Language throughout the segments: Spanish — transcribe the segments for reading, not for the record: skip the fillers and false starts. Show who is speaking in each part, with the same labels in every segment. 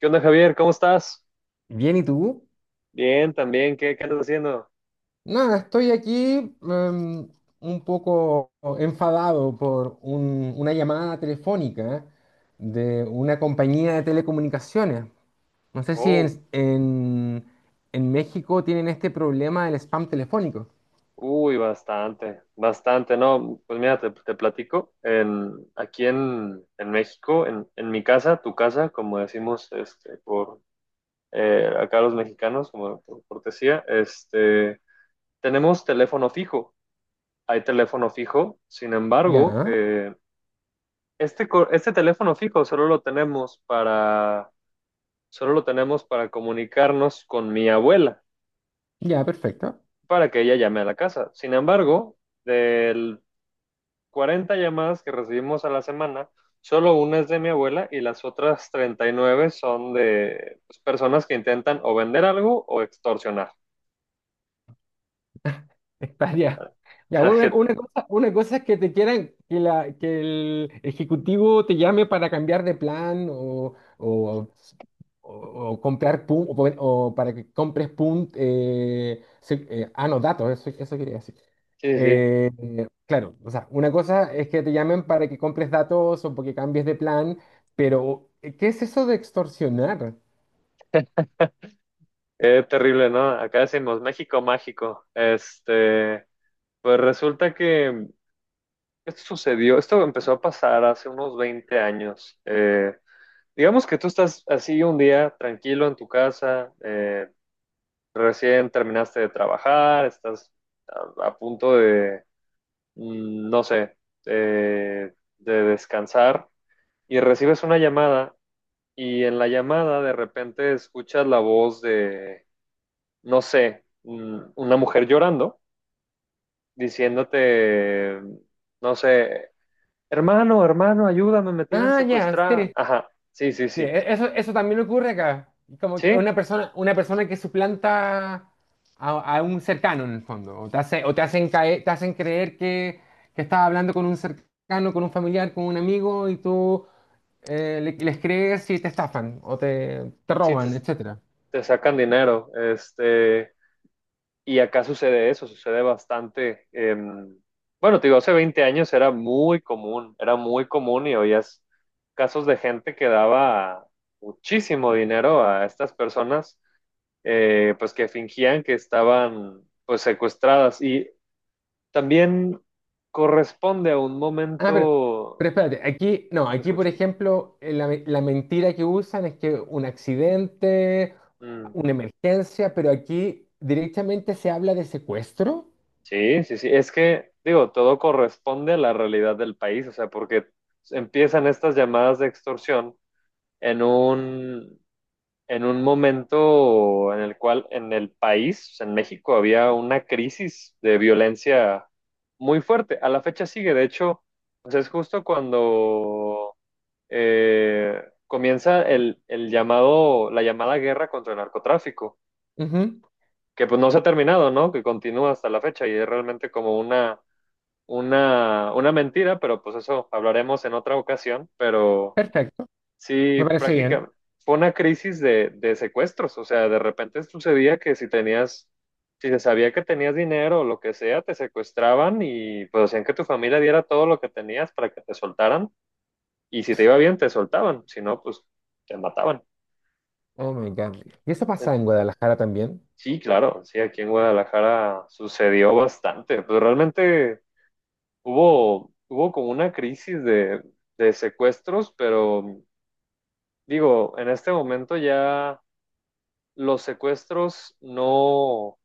Speaker 1: ¿Qué onda, Javier? ¿Cómo estás?
Speaker 2: Bien, ¿y tú?
Speaker 1: Bien, también. ¿Qué andas haciendo?
Speaker 2: Nada, estoy aquí em, un poco enfadado por una llamada telefónica de una compañía de telecomunicaciones. No sé si
Speaker 1: Oh,
Speaker 2: en, en- en México tienen este problema del spam telefónico.
Speaker 1: uy, bastante, bastante. No, pues mira, te platico. Aquí en México, en mi casa, tu casa, como decimos este, por acá los mexicanos, como por cortesía, este, tenemos teléfono fijo. Hay teléfono fijo. Sin embargo,
Speaker 2: Ya,
Speaker 1: este teléfono fijo solo lo tenemos para comunicarnos con mi abuela.
Speaker 2: ya, perfecto.
Speaker 1: Para que ella llame a la casa. Sin embargo, del 40 llamadas que recibimos a la semana, solo una es de mi abuela y las otras 39 son de, pues, personas que intentan o vender algo o extorsionar.
Speaker 2: Hectárea. Ya, ya,
Speaker 1: Para
Speaker 2: bueno, una cosa es que te quieran, que, la, que el ejecutivo te llame para cambiar de plan o, o comprar o, o para que compres no, datos, eso quería decir.
Speaker 1: Sí, sí, sí.
Speaker 2: Claro, o sea, una cosa es que te llamen para que compres datos o porque cambies de plan, pero ¿qué es eso de extorsionar?
Speaker 1: Qué terrible, ¿no? Acá decimos México mágico. Pues resulta que esto empezó a pasar hace unos 20 años. Digamos que tú estás así un día tranquilo en tu casa, recién terminaste de trabajar, estás a punto de, no sé, de descansar, y recibes una llamada, y en la llamada de repente escuchas la voz de, no sé, una mujer llorando, diciéndote, no sé, hermano, hermano, ayúdame, me tienen
Speaker 2: Ah, ya,
Speaker 1: secuestrada.
Speaker 2: sí.
Speaker 1: Ajá, sí, sí,
Speaker 2: Sí,
Speaker 1: sí,
Speaker 2: eso, eso también ocurre acá. Como que
Speaker 1: sí,
Speaker 2: una persona que suplanta a un cercano en el fondo. O o te hacen caer, te hacen creer que estás hablando con un cercano, con un familiar, con un amigo, y tú les crees y te estafan o te
Speaker 1: sí, te,
Speaker 2: roban, etcétera.
Speaker 1: te sacan dinero. Y acá sucede eso, sucede bastante. Bueno, te digo, hace 20 años era muy común y oías casos de gente que daba muchísimo dinero a estas personas, pues que fingían que estaban, pues, secuestradas. Y también corresponde a un
Speaker 2: Ah,
Speaker 1: momento.
Speaker 2: pero espérate, aquí, no,
Speaker 1: ¿Lo
Speaker 2: aquí por
Speaker 1: escucho?
Speaker 2: ejemplo, la mentira que usan es que un accidente,
Speaker 1: Mm.
Speaker 2: una emergencia, pero aquí directamente se habla de secuestro.
Speaker 1: Sí, sí, sí, es que, digo, todo corresponde a la realidad del país, o sea, porque empiezan estas llamadas de extorsión en un, en un momento en el cual en el país, o sea, en México, había una crisis de violencia muy fuerte. A la fecha sigue, de hecho, pues es justo cuando comienza el llamado, la llamada guerra contra el narcotráfico, que pues no se ha terminado, ¿no? Que continúa hasta la fecha y es realmente como una mentira, pero pues eso hablaremos en otra ocasión, pero.
Speaker 2: Perfecto,
Speaker 1: Sí,
Speaker 2: me parece bien.
Speaker 1: prácticamente. Fue una crisis de secuestros, o sea, de repente sucedía que si se sabía que tenías dinero o lo que sea, te secuestraban y pues hacían que tu familia diera todo lo que tenías para que te soltaran. Y si te iba bien te soltaban, si no, pues te mataban.
Speaker 2: Oh my God. ¿Y eso pasa en Guadalajara también?
Speaker 1: Sí, claro, sí, aquí en Guadalajara sucedió bastante, pero realmente hubo como una crisis de secuestros, pero digo, en este momento ya los secuestros no,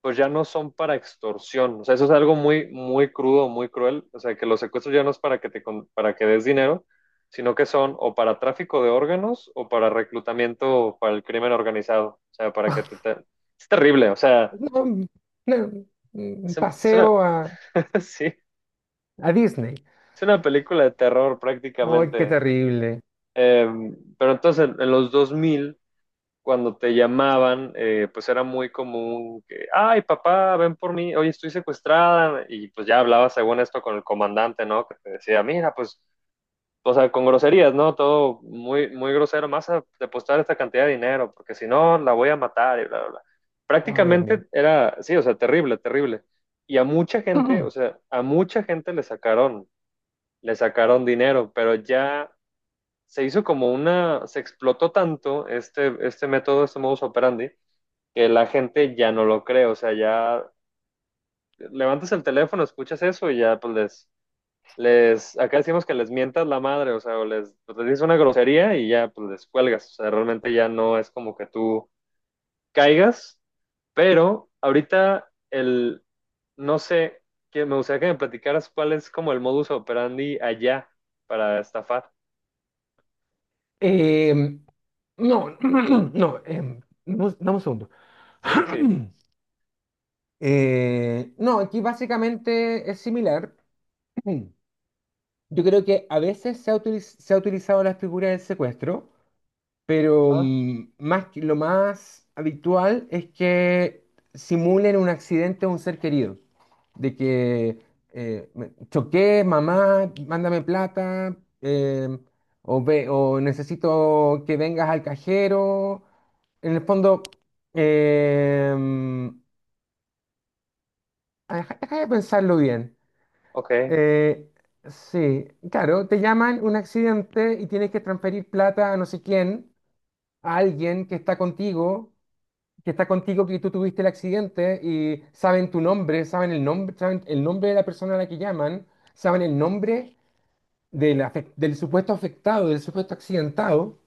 Speaker 1: pues ya no son para extorsión. O sea, eso es algo muy, muy crudo, muy cruel. O sea, que los secuestros ya no es para que para que des dinero, sino que son o para tráfico de órganos o para reclutamiento para el crimen organizado. O sea, para que Es terrible. O sea,
Speaker 2: No, no, un
Speaker 1: es, un- es una,
Speaker 2: paseo
Speaker 1: Sí, es
Speaker 2: a Disney.
Speaker 1: una película de terror
Speaker 2: ¡Ay, qué
Speaker 1: prácticamente.
Speaker 2: terrible!
Speaker 1: Pero entonces, en los 2000 cuando te llamaban, pues era muy común que, ay, papá, ven por mí, oye, estoy secuestrada, y pues ya hablabas según esto con el comandante, ¿no? Que te decía, mira, pues, o sea, con groserías, ¿no? Todo muy, muy grosero, más a depositar esta cantidad de dinero, porque si no, la voy a matar y bla, bla, bla.
Speaker 2: ¡Ay, Dios mío!
Speaker 1: Prácticamente era, sí, o sea, terrible, terrible. Y a mucha gente, o sea, a mucha gente le sacaron dinero, pero ya se hizo como se explotó tanto este, este modus operandi, que la gente ya no lo cree, o sea, ya levantas el teléfono, escuchas eso y ya pues acá decimos que les mientas la madre, o sea, o les, pues, les dices una grosería y ya pues les cuelgas, o sea, realmente ya no es como que tú caigas, pero ahorita el, no sé, que me gustaría que me platicaras cuál es como el modus operandi allá para estafar.
Speaker 2: Em, no, no, dame un segundo.
Speaker 1: Sí, sí.
Speaker 2: No, aquí básicamente es similar. Yo creo que a veces se ha utilizado la figura del secuestro. Pero
Speaker 1: Ah,
Speaker 2: más, lo más habitual es que simulen un accidente a un ser querido. De que choqué, mamá, mándame plata, eh, o necesito que vengas al cajero. En el fondo, em, deja de pensarlo bien.
Speaker 1: ok.
Speaker 2: Eh, sí, claro, te llaman un accidente y tienes que transferir plata a no sé quién, a alguien que está contigo, que tú tuviste el accidente y saben tu nombre, saben el nombre de la persona a la que llaman, saben el nombre del supuesto afectado, del supuesto accidentado.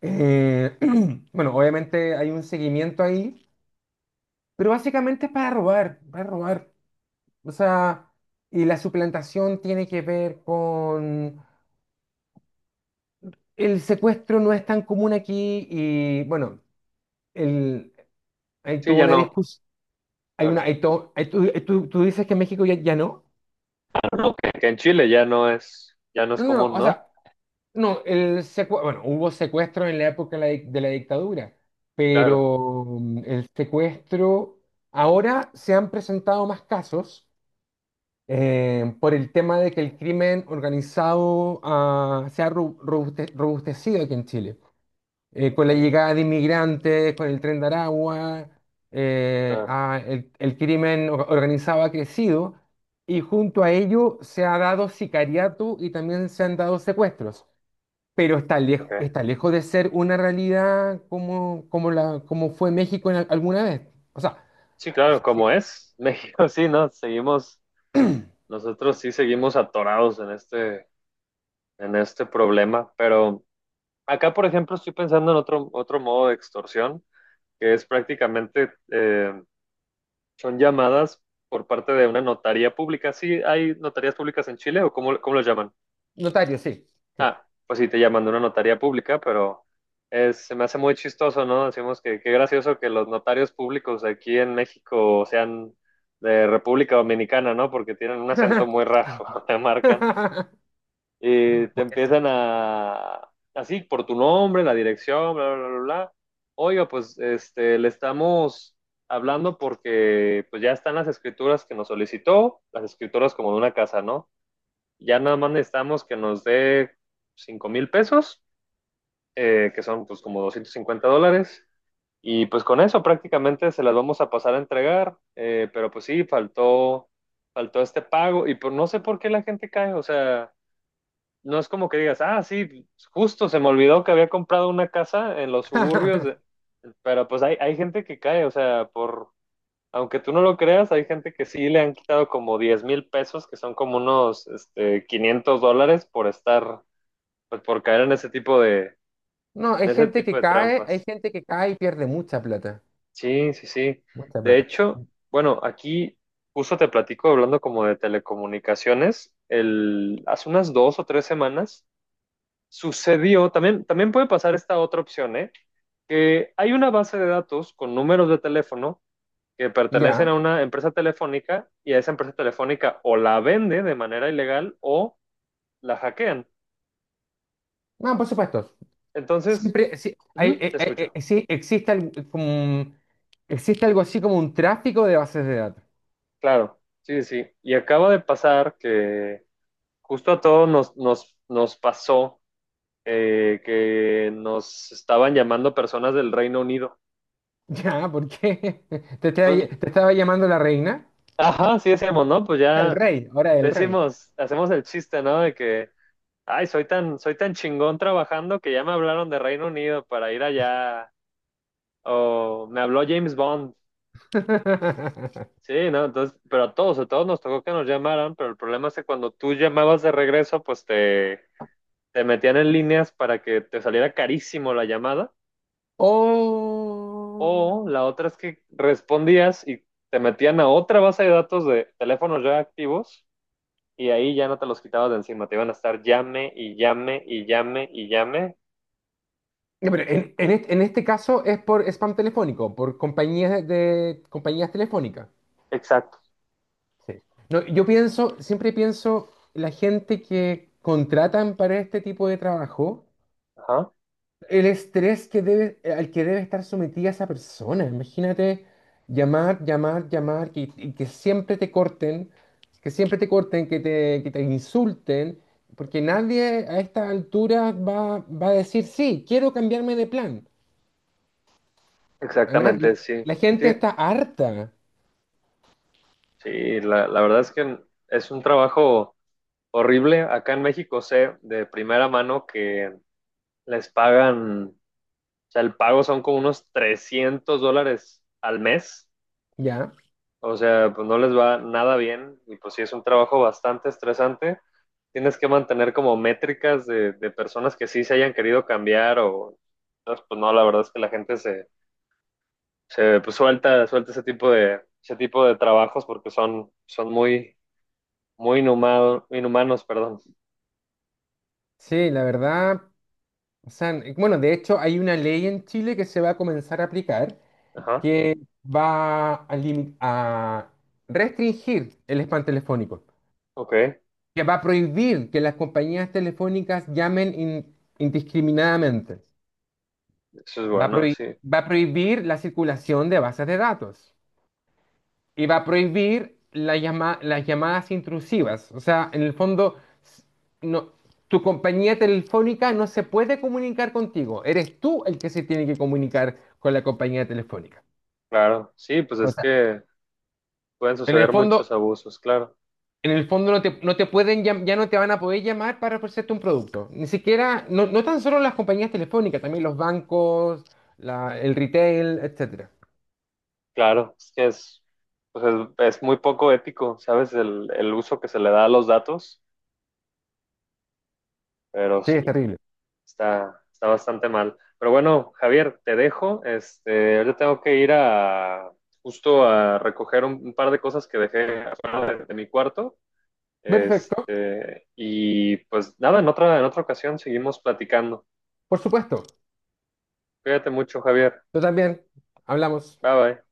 Speaker 2: Eh, bueno, obviamente hay un seguimiento ahí, pero básicamente es para robar, para robar. O sea, y la suplantación tiene que ver con… El secuestro no es tan común aquí y bueno, el, hay
Speaker 1: Sí,
Speaker 2: toda
Speaker 1: ya
Speaker 2: una
Speaker 1: no,
Speaker 2: discusión. Hay una,
Speaker 1: claro.
Speaker 2: hay to- hay- tú dices que en México ya no.
Speaker 1: Bueno, que en Chile ya no es
Speaker 2: No, no, no,
Speaker 1: común,
Speaker 2: o
Speaker 1: ¿no?
Speaker 2: sea, no, bueno, hubo secuestro en la época de de la dictadura,
Speaker 1: Claro.
Speaker 2: pero el secuestro, ahora se han presentado más casos por el tema de que el crimen organizado se ha robustecido aquí en Chile. Con la
Speaker 1: Ok.
Speaker 2: llegada de inmigrantes, con el tren de Aragua,
Speaker 1: Claro,
Speaker 2: el organizado ha crecido y junto a ello se ha dado sicariato y también se han dado secuestros, pero
Speaker 1: ok.
Speaker 2: está lejos de ser una realidad como, como, como fue México en alguna vez. O sea,
Speaker 1: Sí, claro,
Speaker 2: sí,
Speaker 1: como es México, sí, ¿no? Seguimos, nosotros sí seguimos atorados en este, problema, pero acá, por ejemplo, estoy pensando en otro modo de extorsión, que es prácticamente, son llamadas por parte de una notaría pública. ¿Sí hay notarías públicas en Chile o cómo lo llaman?
Speaker 2: notario, sí. Sí.
Speaker 1: Ah, pues sí, te llaman de una notaría pública, pero se me hace muy chistoso, ¿no? Decimos que qué gracioso que los notarios públicos aquí en México sean de República Dominicana, ¿no? Porque tienen un acento muy raro, te marcan. Y te
Speaker 2: Puede ser.
Speaker 1: empiezan a, así, por tu nombre, la dirección, bla, bla, bla, bla. Oiga, pues le estamos hablando porque pues ya están las escrituras que nos solicitó, las escrituras como de una casa, ¿no? Ya nada más necesitamos que nos dé 5,000 pesos, que son, pues, como $250. Y pues con eso prácticamente se las vamos a pasar a entregar. Pero pues sí, faltó este pago. Y pues no sé por qué la gente cae. O sea, no es como que digas, ah, sí, justo se me olvidó que había comprado una casa en los suburbios. Pero pues hay gente que cae, o sea, por, aunque tú no lo creas, hay gente que sí le han quitado como 10,000 pesos, que son como unos $500 por estar, pues por caer en ese tipo de,
Speaker 2: No, hay gente que cae, hay
Speaker 1: trampas.
Speaker 2: gente que cae y pierde mucha plata.
Speaker 1: Sí, sí, sí.
Speaker 2: Mucha
Speaker 1: De
Speaker 2: plata.
Speaker 1: hecho, bueno, aquí justo te platico hablando como de telecomunicaciones, hace unas 2 o 3 semanas sucedió, también, también puede pasar esta otra opción, ¿eh? Que hay una base de datos con números de teléfono que pertenecen a
Speaker 2: Ya.
Speaker 1: una empresa telefónica, y a esa empresa telefónica o la vende de manera ilegal o la hackean.
Speaker 2: No, por supuesto.
Speaker 1: Entonces,
Speaker 2: Siempre, sí,
Speaker 1: ujú, te escucho.
Speaker 2: sí, existe, como, existe algo así como un tráfico de bases de datos.
Speaker 1: Claro, sí, sí. Sí. Y acaba de pasar que justo a todos nos pasó que nos estaban llamando personas del Reino Unido.
Speaker 2: Ya, ¿por qué?
Speaker 1: Pues,
Speaker 2: Te estaba llamando la reina?
Speaker 1: ajá, sí decíamos, ¿no? Pues
Speaker 2: El
Speaker 1: ya
Speaker 2: rey, ahora el rey.
Speaker 1: decimos, hacemos el chiste, ¿no? De que, ay, soy tan chingón trabajando que ya me hablaron de Reino Unido para ir allá, o me habló James Bond. Sí, ¿no? Entonces, pero a todos nos tocó que nos llamaran, pero el problema es que cuando tú llamabas de regreso, pues te metían en líneas para que te saliera carísimo la llamada,
Speaker 2: Oh.
Speaker 1: o la otra es que respondías y te metían a otra base de datos de teléfonos ya activos, y ahí ya no te los quitabas de encima, te iban a estar llame y llame y llame y llame.
Speaker 2: No, pero en este caso es por spam telefónico, por compañías de, compañías telefónicas.
Speaker 1: Exacto,
Speaker 2: Sí. No, yo pienso, siempre pienso, la gente que contratan para este tipo de trabajo.
Speaker 1: ajá,
Speaker 2: El estrés que debe, al que debe estar sometida esa persona. Imagínate llamar, llamar, llamar, que, y que siempre te corten, que siempre te corten, que te insulten, porque nadie a esta altura va, va a decir, sí, quiero cambiarme de plan. A na-
Speaker 1: exactamente, sí,
Speaker 2: la
Speaker 1: sí,
Speaker 2: gente está harta,
Speaker 1: sí, la verdad es que es un trabajo horrible. Acá en México sé de primera mano que les pagan, o sea, el pago son como unos $300 al mes.
Speaker 2: ¿ya?
Speaker 1: O sea, pues no les va nada bien y pues sí es un trabajo bastante estresante. Tienes que mantener como métricas de personas que sí se hayan querido cambiar. O entonces, pues no, la verdad es que la gente se pues, suelta ese tipo de trabajos porque son muy, muy inhumanos, perdón.
Speaker 2: Sí, la verdad, o sea, bueno, de hecho hay una ley en Chile que se va a comenzar a aplicar
Speaker 1: Ajá,
Speaker 2: que a restringir el spam telefónico,
Speaker 1: ok,
Speaker 2: que va a prohibir que las compañías telefónicas llamen indiscriminadamente,
Speaker 1: eso es
Speaker 2: va a,
Speaker 1: bueno,
Speaker 2: prohi-
Speaker 1: sí.
Speaker 2: va a prohibir la circulación de bases de datos y va a prohibir las llamadas intrusivas. O sea, en el fondo, s- no, tu compañía telefónica no se puede comunicar contigo, eres tú el que se tiene que comunicar con la compañía telefónica.
Speaker 1: Claro, sí, pues
Speaker 2: O
Speaker 1: es
Speaker 2: sea,
Speaker 1: que pueden
Speaker 2: en el
Speaker 1: suceder
Speaker 2: fondo…
Speaker 1: muchos abusos, claro,
Speaker 2: En el fondo no te, no te pueden, ya no te van a poder llamar para ofrecerte un producto. Ni siquiera, no, no tan solo las compañías telefónicas, también los bancos, el retail, etcétera.
Speaker 1: claro, es que es, pues es muy poco ético, ¿sabes? El uso que se le da a los datos, pero
Speaker 2: Sí, es
Speaker 1: sí,
Speaker 2: terrible.
Speaker 1: está bastante mal. Pero bueno, Javier, te dejo, ahorita tengo que ir a, justo a recoger un par de cosas que dejé afuera de mi cuarto,
Speaker 2: Perfecto,
Speaker 1: y pues nada, en otra, ocasión seguimos platicando.
Speaker 2: por supuesto.
Speaker 1: Cuídate mucho, Javier.
Speaker 2: Tú también. Hablamos.
Speaker 1: Bye bye.